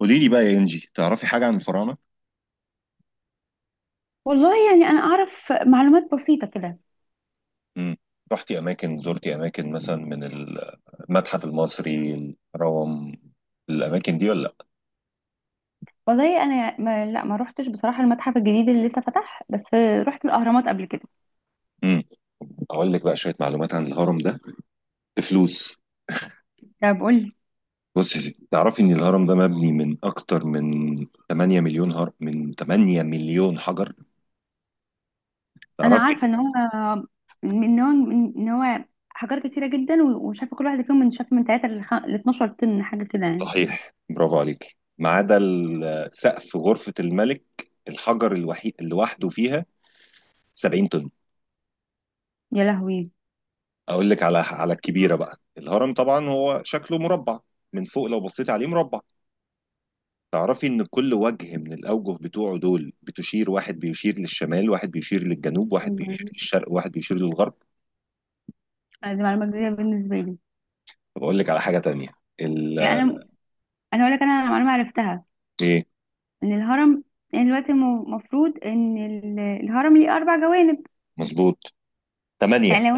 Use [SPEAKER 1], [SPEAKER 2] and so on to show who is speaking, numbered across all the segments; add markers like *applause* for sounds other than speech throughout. [SPEAKER 1] قولي لي بقى يا انجي، تعرفي حاجه عن الفراعنه؟
[SPEAKER 2] والله يعني انا اعرف معلومات بسيطه كده.
[SPEAKER 1] امم رحتي اماكن، زرتي اماكن مثلا من المتحف المصري، الهرم، الاماكن دي ولا لا؟
[SPEAKER 2] والله انا ما روحتش بصراحه المتحف الجديد اللي لسه فتح، بس رحت الاهرامات قبل كده.
[SPEAKER 1] امم اقول لك بقى شويه معلومات عن الهرم ده بفلوس.
[SPEAKER 2] ده بقول لي.
[SPEAKER 1] بص يا ستي، تعرفي ان الهرم ده مبني من اكتر من 8 مليون هر من 8 مليون حجر،
[SPEAKER 2] انا
[SPEAKER 1] تعرفي؟
[SPEAKER 2] عارفه ان هو ان هو حجار كتيره جدا، وشاف كل واحده فيهم من 3 ل 12 طن حاجه كده يعني.
[SPEAKER 1] صحيح، برافو عليك. ما عدا سقف غرفه الملك، الحجر الوحيد اللي وحده فيها 70 طن.
[SPEAKER 2] يا لهوي.
[SPEAKER 1] اقول لك على الكبيره بقى. الهرم طبعا هو شكله مربع، من فوق لو بصيت عليه مربع. تعرفي ان كل وجه من الاوجه بتوعه دول واحد بيشير للشمال، واحد بيشير للجنوب، واحد
[SPEAKER 2] مم.
[SPEAKER 1] بيشير للشرق، واحد بيشير للغرب.
[SPEAKER 2] دي معلومه جديده بالنسبه لي.
[SPEAKER 1] طب اقول لك على حاجه تانية. ال
[SPEAKER 2] يعني انا اقول لك انا معلومه عرفتها:
[SPEAKER 1] ايه؟
[SPEAKER 2] ان الهرم يعني دلوقتي المفروض ان الهرم ليه اربع جوانب.
[SPEAKER 1] مظبوط، ثمانيه.
[SPEAKER 2] يعني لو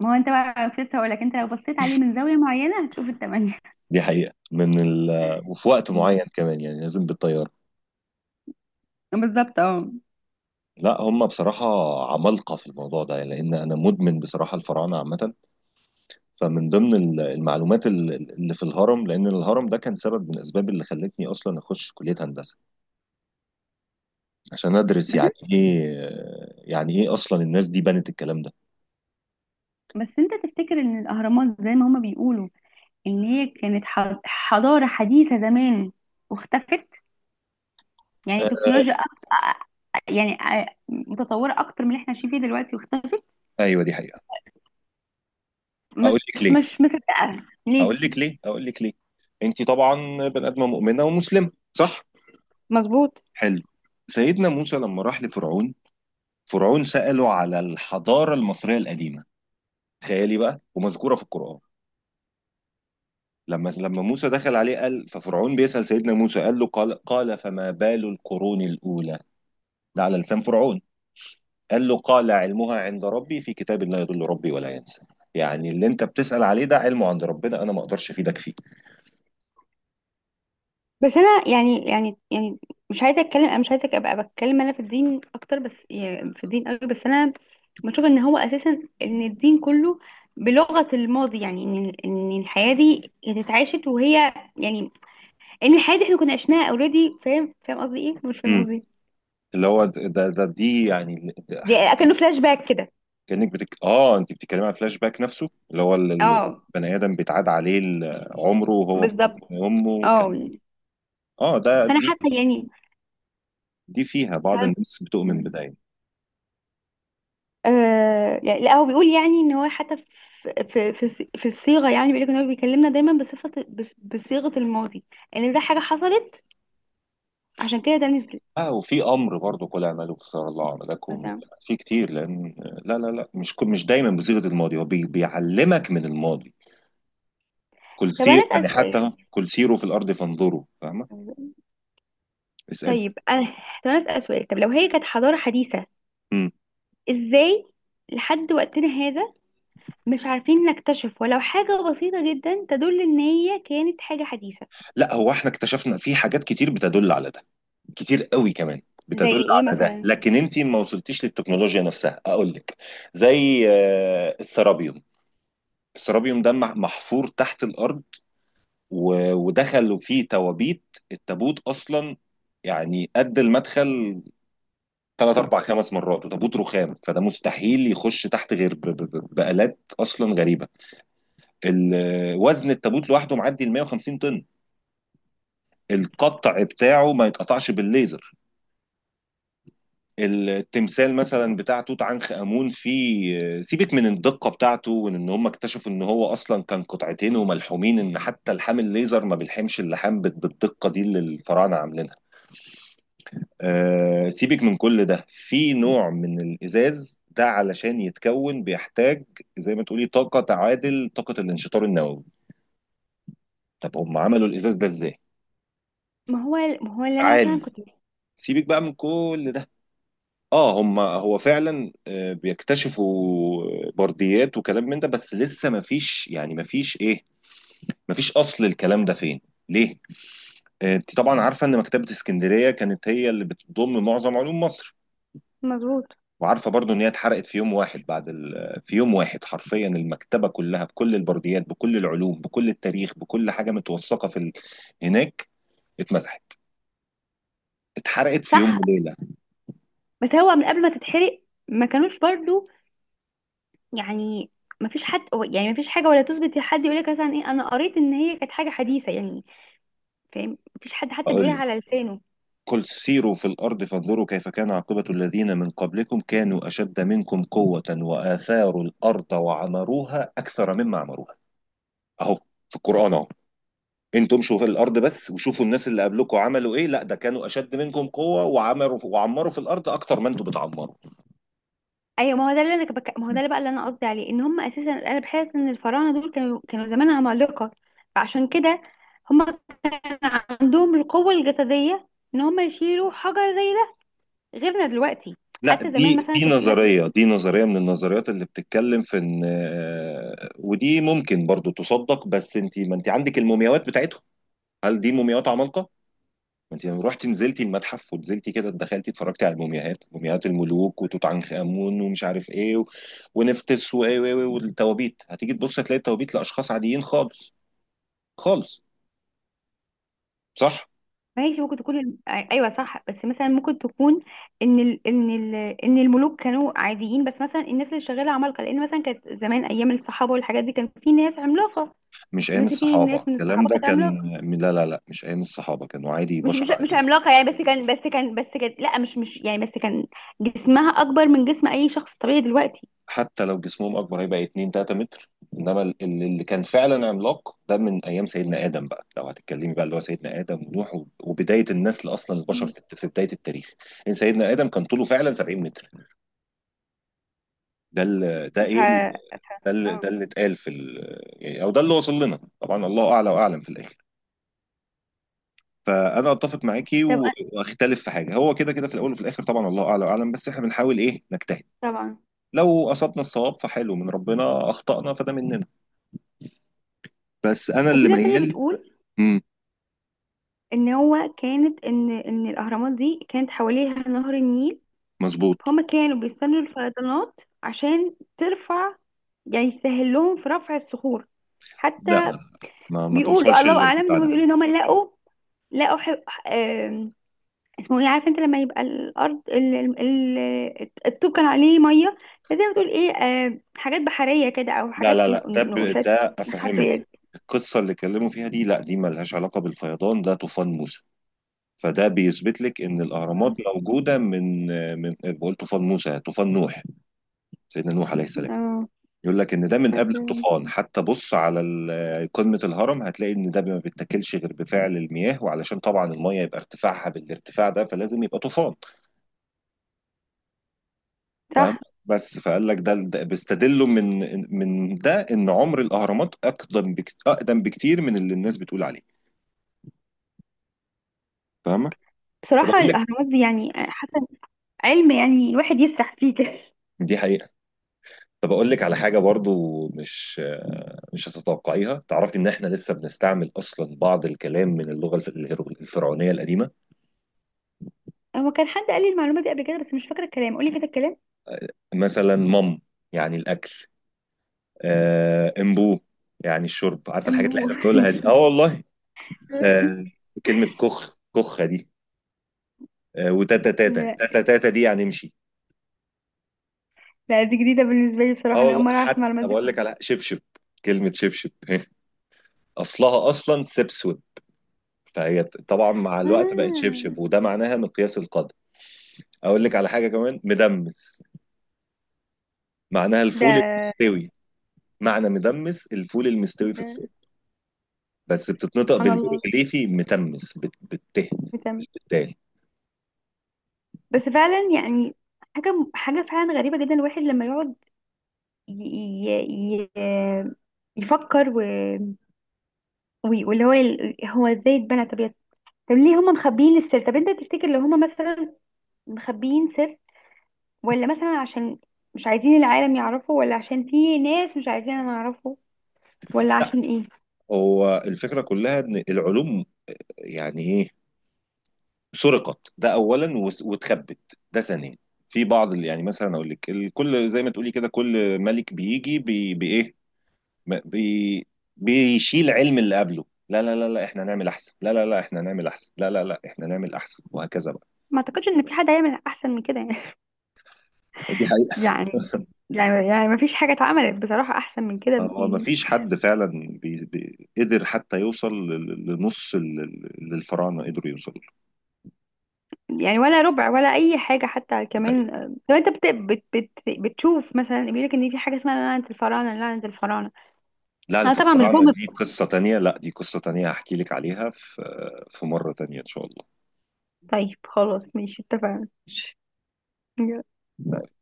[SPEAKER 2] ما هو انت بقى كنت لسه هقول لك، انت لو بصيت عليه من زاويه معينه هتشوف الثمانيه.
[SPEAKER 1] دي حقيقه من ال وفي وقت معين
[SPEAKER 2] مم.
[SPEAKER 1] كمان، يعني لازم بالطياره.
[SPEAKER 2] *laughs* بالظبط اه.
[SPEAKER 1] لا، هم بصراحه عمالقه في الموضوع ده، لان انا مدمن بصراحه الفراعنه عامه. فمن ضمن المعلومات اللي في الهرم، لان الهرم ده كان سبب من الاسباب اللي خلتني اصلا اخش كليه هندسه عشان ادرس
[SPEAKER 2] بس
[SPEAKER 1] يعني
[SPEAKER 2] انت
[SPEAKER 1] ايه، يعني ايه اصلا الناس دي بنت الكلام ده.
[SPEAKER 2] بس انت تفتكر ان الاهرامات زي ما هما بيقولوا، ان هي كانت حضاره حديثه زمان واختفت، يعني
[SPEAKER 1] آه،
[SPEAKER 2] تكنولوجيا أكتر، يعني متطوره اكتر من اللي احنا عايشين فيه دلوقتي واختفت.
[SPEAKER 1] ايوه، دي حقيقه.
[SPEAKER 2] مش
[SPEAKER 1] اقول لك ليه
[SPEAKER 2] مش مصدقه ليه.
[SPEAKER 1] اقول لك ليه. انت طبعا بني ادمه مؤمنه ومسلمه، صح؟
[SPEAKER 2] مظبوط.
[SPEAKER 1] حلو. سيدنا موسى لما راح لفرعون، فرعون سأله على الحضاره المصريه القديمه. تخيلي بقى، ومذكوره في القران. لما موسى دخل عليه، قال، ففرعون بيسأل سيدنا موسى، قال له، قال فما بال القرون الأولى. ده على لسان فرعون. قال له، قال علمها عند ربي في كتاب لا يضل ربي ولا ينسى. يعني اللي انت بتسأل عليه ده علمه عند ربنا، انا ما اقدرش افيدك فيه.
[SPEAKER 2] بس انا يعني مش عايزه اتكلم، انا مش عايزه ابقى بتكلم انا في الدين اكتر، بس يعني في الدين قوي، بس انا بشوف ان هو اساسا ان الدين كله بلغه الماضي، يعني ان الحياه دي هي اتعاشت، وهي يعني ان الحياه دي احنا كنا عشناها. اوريدي، فاهم قصدي ايه؟ مش فاهم قصدي
[SPEAKER 1] امم
[SPEAKER 2] إيه؟
[SPEAKER 1] اللي هو، ده ده دي يعني، ده
[SPEAKER 2] دي
[SPEAKER 1] حسيت
[SPEAKER 2] اكنه فلاش باك كده.
[SPEAKER 1] كأنك بتك... اه انت بتتكلمي على فلاش باك نفسه، اللي هو
[SPEAKER 2] اه
[SPEAKER 1] البني ادم بيتعاد عليه عمره وهو في
[SPEAKER 2] بالظبط
[SPEAKER 1] بطن امه كان...
[SPEAKER 2] اه.
[SPEAKER 1] اه،
[SPEAKER 2] فانا
[SPEAKER 1] دي،
[SPEAKER 2] حاسه يعني.
[SPEAKER 1] دي فيها بعض الناس بتؤمن
[SPEAKER 2] فاهم.
[SPEAKER 1] بده يعني.
[SPEAKER 2] آه يعني، لا هو بيقول يعني ان هو حتى في الصيغه، يعني بيقول لك ان هو بيكلمنا دايما بصيغه الماضي، ان يعني ده حاجه حصلت، عشان كده ده نزل.
[SPEAKER 1] اه وفي امر برضه، قل اعملوا فسار الله عملكم.
[SPEAKER 2] مثلا.
[SPEAKER 1] في كتير لان، لا لا لا، مش دايما بصيغه الماضي، هو بيعلمك من الماضي، كل
[SPEAKER 2] طب انا
[SPEAKER 1] سير
[SPEAKER 2] اسال
[SPEAKER 1] يعني،
[SPEAKER 2] سؤال
[SPEAKER 1] حتى كل سيروا في الارض فانظروا، فاهمه؟ اسال.
[SPEAKER 2] طيب انا طب انا اسال سؤال: طب لو هي كانت حضاره حديثه،
[SPEAKER 1] امم
[SPEAKER 2] ازاي لحد وقتنا هذا مش عارفين نكتشف ولو حاجه بسيطه جدا تدل ان هي كانت حاجه حديثه؟
[SPEAKER 1] لا، هو احنا اكتشفنا في حاجات كتير بتدل على ده، كتير قوي كمان
[SPEAKER 2] زي
[SPEAKER 1] بتدل
[SPEAKER 2] ايه
[SPEAKER 1] على ده،
[SPEAKER 2] مثلا؟
[SPEAKER 1] لكن انت ما وصلتيش للتكنولوجيا نفسها، اقول لك. زي السرابيوم، السرابيوم ده محفور تحت الارض، ودخلوا فيه توابيت، التابوت اصلا يعني قد المدخل ثلاث اربع خمس مرات، وتابوت رخام، فده مستحيل يخش تحت غير بآلات اصلا غريبه. وزن التابوت لوحده معدي ال 150 طن، القطع بتاعه ما يتقطعش بالليزر. التمثال مثلا بتاع توت عنخ امون، فيه سيبك من الدقه بتاعته، إن هم اكتشفوا ان هو اصلا كان قطعتين وملحومين، ان حتى لحام الليزر ما بيلحمش اللحام بالدقه دي اللي الفراعنه عاملينها. سيبك من كل ده، في نوع من الإزاز ده علشان يتكون بيحتاج، زي ما تقولي، طاقة تعادل طاقة الانشطار النووي. طب هم عملوا الإزاز ده إزاي؟
[SPEAKER 2] ما هو اللي انا مثلا
[SPEAKER 1] عالي.
[SPEAKER 2] كنت.
[SPEAKER 1] سيبك بقى من كل ده. اه هم هو فعلا بيكتشفوا برديات وكلام من ده، بس لسه ما فيش يعني، ما فيش ايه، ما فيش اصل الكلام ده فين، ليه؟ انت طبعا عارفه ان مكتبه اسكندريه كانت هي اللي بتضم معظم علوم مصر.
[SPEAKER 2] مظبوط.
[SPEAKER 1] وعارفه برضو ان هي اتحرقت في يوم واحد بعد ال... آه، في يوم واحد حرفيا المكتبه كلها، بكل البرديات، بكل العلوم، بكل التاريخ، بكل حاجه متوثقه هناك، اتمسحت، اتحرقت في يوم
[SPEAKER 2] صح.
[SPEAKER 1] وليله.
[SPEAKER 2] بس هو من قبل ما تتحرق ما كانوش برضو، يعني مفيش حد، يعني مفيش حاجة ولا تثبت، حد يقولك مثلا ايه، انا قريت ان هي كانت حاجة حديثة يعني. فاهم؟ مفيش حد حتى
[SPEAKER 1] اقول
[SPEAKER 2] بيقولها
[SPEAKER 1] لك،
[SPEAKER 2] على لسانه.
[SPEAKER 1] قل سيروا في الارض فانظروا كيف كان عاقبه الذين من قبلكم، كانوا اشد منكم قوه واثاروا الارض وعمروها اكثر مما عمروها. اهو، في القران اهو. انتوا امشوا في الارض بس، وشوفوا الناس اللي قبلكم عملوا ايه. لا، ده كانوا اشد منكم قوه، وعمروا وعمروا في الارض اكتر ما انتوا بتعمروا.
[SPEAKER 2] ايوه، ما هو ده اللي انا بك... ما هو ده اللي بقى اللي انا قصدي عليه ان هم اساسا، انا بحس ان الفراعنة دول كانوا زمان عمالقة. فعشان كده هم كان عندهم القوة الجسدية ان هم يشيلوا حجر زي ده، غيرنا دلوقتي.
[SPEAKER 1] لا،
[SPEAKER 2] حتى زمان
[SPEAKER 1] دي
[SPEAKER 2] مثلا
[SPEAKER 1] دي
[SPEAKER 2] كانت يقولك.
[SPEAKER 1] نظرية، دي نظرية من النظريات اللي بتتكلم في ان، ودي ممكن برضو تصدق. بس انت، ما انت عندك المومياوات بتاعتهم، هل دي مومياوات عمالقة؟ ما انت لو رحتي نزلتي المتحف ونزلتي كده، دخلتي اتفرجتي على المومياوات، مومياوات الملوك وتوت عنخ امون ومش عارف ايه ونفتس والتوابيت، هتيجي تبصي هتلاقي التوابيت لاشخاص عاديين خالص، خالص، صح؟
[SPEAKER 2] ماشي، ممكن تكون ايوه صح، بس مثلا ممكن تكون ان ال... ان ال... ان الملوك كانوا عاديين، بس مثلا الناس اللي شغاله عمالقه، لان مثلا كانت زمان ايام الصحابه والحاجات دي كان في ناس عملاقه.
[SPEAKER 1] مش ايام
[SPEAKER 2] مثلا في
[SPEAKER 1] الصحابة
[SPEAKER 2] ناس من
[SPEAKER 1] الكلام
[SPEAKER 2] الصحابه
[SPEAKER 1] ده
[SPEAKER 2] كانت
[SPEAKER 1] كان،
[SPEAKER 2] عملاقه.
[SPEAKER 1] لا لا لا، مش ايام الصحابة، كانوا عادي،
[SPEAKER 2] مش
[SPEAKER 1] بشر
[SPEAKER 2] مش مش
[SPEAKER 1] عادي.
[SPEAKER 2] عملاقه يعني، بس كان بس كان بس كان لا مش مش يعني بس كان جسمها اكبر من جسم اي شخص طبيعي دلوقتي.
[SPEAKER 1] حتى لو جسمهم اكبر هيبقى 2 3 متر. انما اللي كان فعلا عملاق ده من ايام سيدنا ادم بقى، لو هتتكلمي بقى، اللي هو سيدنا ادم ونوح وبدايه النسل اصلا البشر
[SPEAKER 2] مم.
[SPEAKER 1] في بدايه التاريخ. ان سيدنا ادم كان طوله فعلا 70 متر، ده ال- ده
[SPEAKER 2] ف
[SPEAKER 1] ايه ال- ده ال- ده
[SPEAKER 2] آه.
[SPEAKER 1] اللي اتقال يعني، او ده اللي وصل لنا، طبعا الله اعلى واعلم في الاخر. فانا اتفق معاكي
[SPEAKER 2] طب
[SPEAKER 1] واختلف في حاجه، هو كده كده في الاول وفي الاخر طبعا الله اعلى واعلم، بس احنا بنحاول ايه، نجتهد،
[SPEAKER 2] طبعا.
[SPEAKER 1] لو اصبنا الصواب فحلو من ربنا، اخطانا فده مننا، بس انا
[SPEAKER 2] وفي
[SPEAKER 1] اللي
[SPEAKER 2] ناس تانية
[SPEAKER 1] ميال.
[SPEAKER 2] بتقول
[SPEAKER 1] امم
[SPEAKER 2] ان الاهرامات دي كانت حواليها نهر النيل،
[SPEAKER 1] مظبوط.
[SPEAKER 2] فهم كانوا بيستنوا الفيضانات عشان ترفع، يعني يسهل لهم في رفع الصخور حتى.
[SPEAKER 1] لا لا، ما
[SPEAKER 2] بيقولوا
[SPEAKER 1] توصلش
[SPEAKER 2] الله اعلم، ان
[SPEAKER 1] للارتفاع
[SPEAKER 2] هم
[SPEAKER 1] ده.
[SPEAKER 2] بيقولوا ان هم لقوا، لقوا ح... آم، اسمه ايه؟ عارف انت لما يبقى الارض الطوب كان عليه ميه، فزي ما تقول ايه، حاجات بحريه كده، او
[SPEAKER 1] لا لا
[SPEAKER 2] حاجات
[SPEAKER 1] لا،
[SPEAKER 2] نقوشات
[SPEAKER 1] ده افهمك.
[SPEAKER 2] حفريه.
[SPEAKER 1] القصه اللي اتكلموا فيها دي، لا دي ملهاش علاقه بالفيضان، ده طوفان موسى. فده بيثبت لك ان الاهرامات موجوده من، بقول طوفان موسى، طوفان نوح، سيدنا نوح عليه السلام.
[SPEAKER 2] اه
[SPEAKER 1] يقول لك ان ده من قبل الطوفان. حتى بص على قمه الهرم، هتلاقي ان ده ما بيتاكلش غير بفعل المياه، وعلشان طبعا الميه يبقى ارتفاعها بالارتفاع ده فلازم يبقى طوفان، فاهم؟
[SPEAKER 2] صح.
[SPEAKER 1] بس فقال لك ده بيستدلوا من، ده ان عمر الاهرامات اقدم اقدم بكتير من اللي الناس بتقول عليه، فاهمه؟ طب
[SPEAKER 2] بصراحه
[SPEAKER 1] اقول لك،
[SPEAKER 2] الاهرامات دي يعني حسن علم، يعني الواحد يسرح فيه كده.
[SPEAKER 1] دي حقيقه. طب اقول لك على حاجه برضو مش هتتوقعيها. تعرفي ان احنا لسه بنستعمل اصلا بعض الكلام من اللغه الفرعونيه القديمه.
[SPEAKER 2] هو كان حد قال لي المعلومه دي قبل كده، بس مش فاكره الكلام، قولي كده الكلام.
[SPEAKER 1] مثلا يعني الاكل، امبو يعني الشرب، عارفه الحاجات اللي
[SPEAKER 2] امبو. *laughs*
[SPEAKER 1] احنا بنقولها دي؟ اه والله. آه، كلمه كخ كخه دي، وتاتا تاتا
[SPEAKER 2] لا،
[SPEAKER 1] تاتا تاتا دي يعني امشي.
[SPEAKER 2] لا دي جديدة بالنسبة لي
[SPEAKER 1] اه
[SPEAKER 2] بصراحة، أنا أول
[SPEAKER 1] والله،
[SPEAKER 2] مرة أعرف
[SPEAKER 1] حتى
[SPEAKER 2] المعلومات دي
[SPEAKER 1] بقول لك على
[SPEAKER 2] خالص.
[SPEAKER 1] شبشب، كلمة شبشب *laughs* أصلها أصلا سبسود، فهي طبعا مع الوقت بقت شبشب،
[SPEAKER 2] آه.
[SPEAKER 1] وده معناها مقياس القدر. أقول لك على حاجة كمان، مدمس، معناها الفول
[SPEAKER 2] ده,
[SPEAKER 1] المستوي، معنى مدمس الفول المستوي في
[SPEAKER 2] ده
[SPEAKER 1] الفرن. بس بتتنطق
[SPEAKER 2] سبحان الله.
[SPEAKER 1] بالهيروغليفي متمس بالته،
[SPEAKER 2] بتعمل.
[SPEAKER 1] بالدال.
[SPEAKER 2] بس فعلا يعني حاجة فعلا غريبة جدا. الواحد لما يقعد ي... ي... ي... يفكر و... وي- واللي هو هو ازاي اتبنى؟ طب ليه هم مخبيين السر؟ طب انت تفتكر لو هم مثلا مخبيين سر، ولا مثلا عشان مش عايزين العالم يعرفه، ولا عشان في ناس مش عايزين نعرفه، ولا
[SPEAKER 1] لا،
[SPEAKER 2] عشان ايه؟
[SPEAKER 1] هو الفكرة كلها إن العلوم، يعني إيه، سرقت ده اولا، واتخبت ده ثانيا. في بعض اللي يعني مثلا، اقول لك، الكل زي ما تقولي كده، كل ملك بيجي بي بايه ب- بي بيشيل علم اللي قبله. لا لا لا لا احنا نعمل احسن، لا لا لا احنا نعمل احسن، لا لا لا احنا نعمل احسن، وهكذا بقى.
[SPEAKER 2] ما اعتقدش ان في حد هيعمل احسن من كده يعني.
[SPEAKER 1] دي
[SPEAKER 2] *laughs*
[SPEAKER 1] حقيقة.
[SPEAKER 2] يعني يعني ما فيش حاجه اتعملت بصراحه احسن من كده
[SPEAKER 1] هو ما
[SPEAKER 2] يعني.
[SPEAKER 1] فيش حد فعلا بي قدر حتى يوصل لنص اللي الفراعنه قدروا يوصلوا له.
[SPEAKER 2] يعني ولا ربع ولا اي حاجه. حتى
[SPEAKER 1] دي حقيقة،
[SPEAKER 2] كمان آه، لو انت بت بت بت بتشوف مثلا بيقول لك ان في حاجه اسمها لعنه الفراعنه، لعنه الفراعنه.
[SPEAKER 1] لعنة
[SPEAKER 2] انا طبعا مش
[SPEAKER 1] الفراعنة
[SPEAKER 2] بؤمن.
[SPEAKER 1] دي قصة تانية، لا دي قصة تانية، هحكي لك عليها في مرة تانية ان شاء الله.
[SPEAKER 2] طيب خلاص ماشي، اتفقنا.
[SPEAKER 1] ماشي.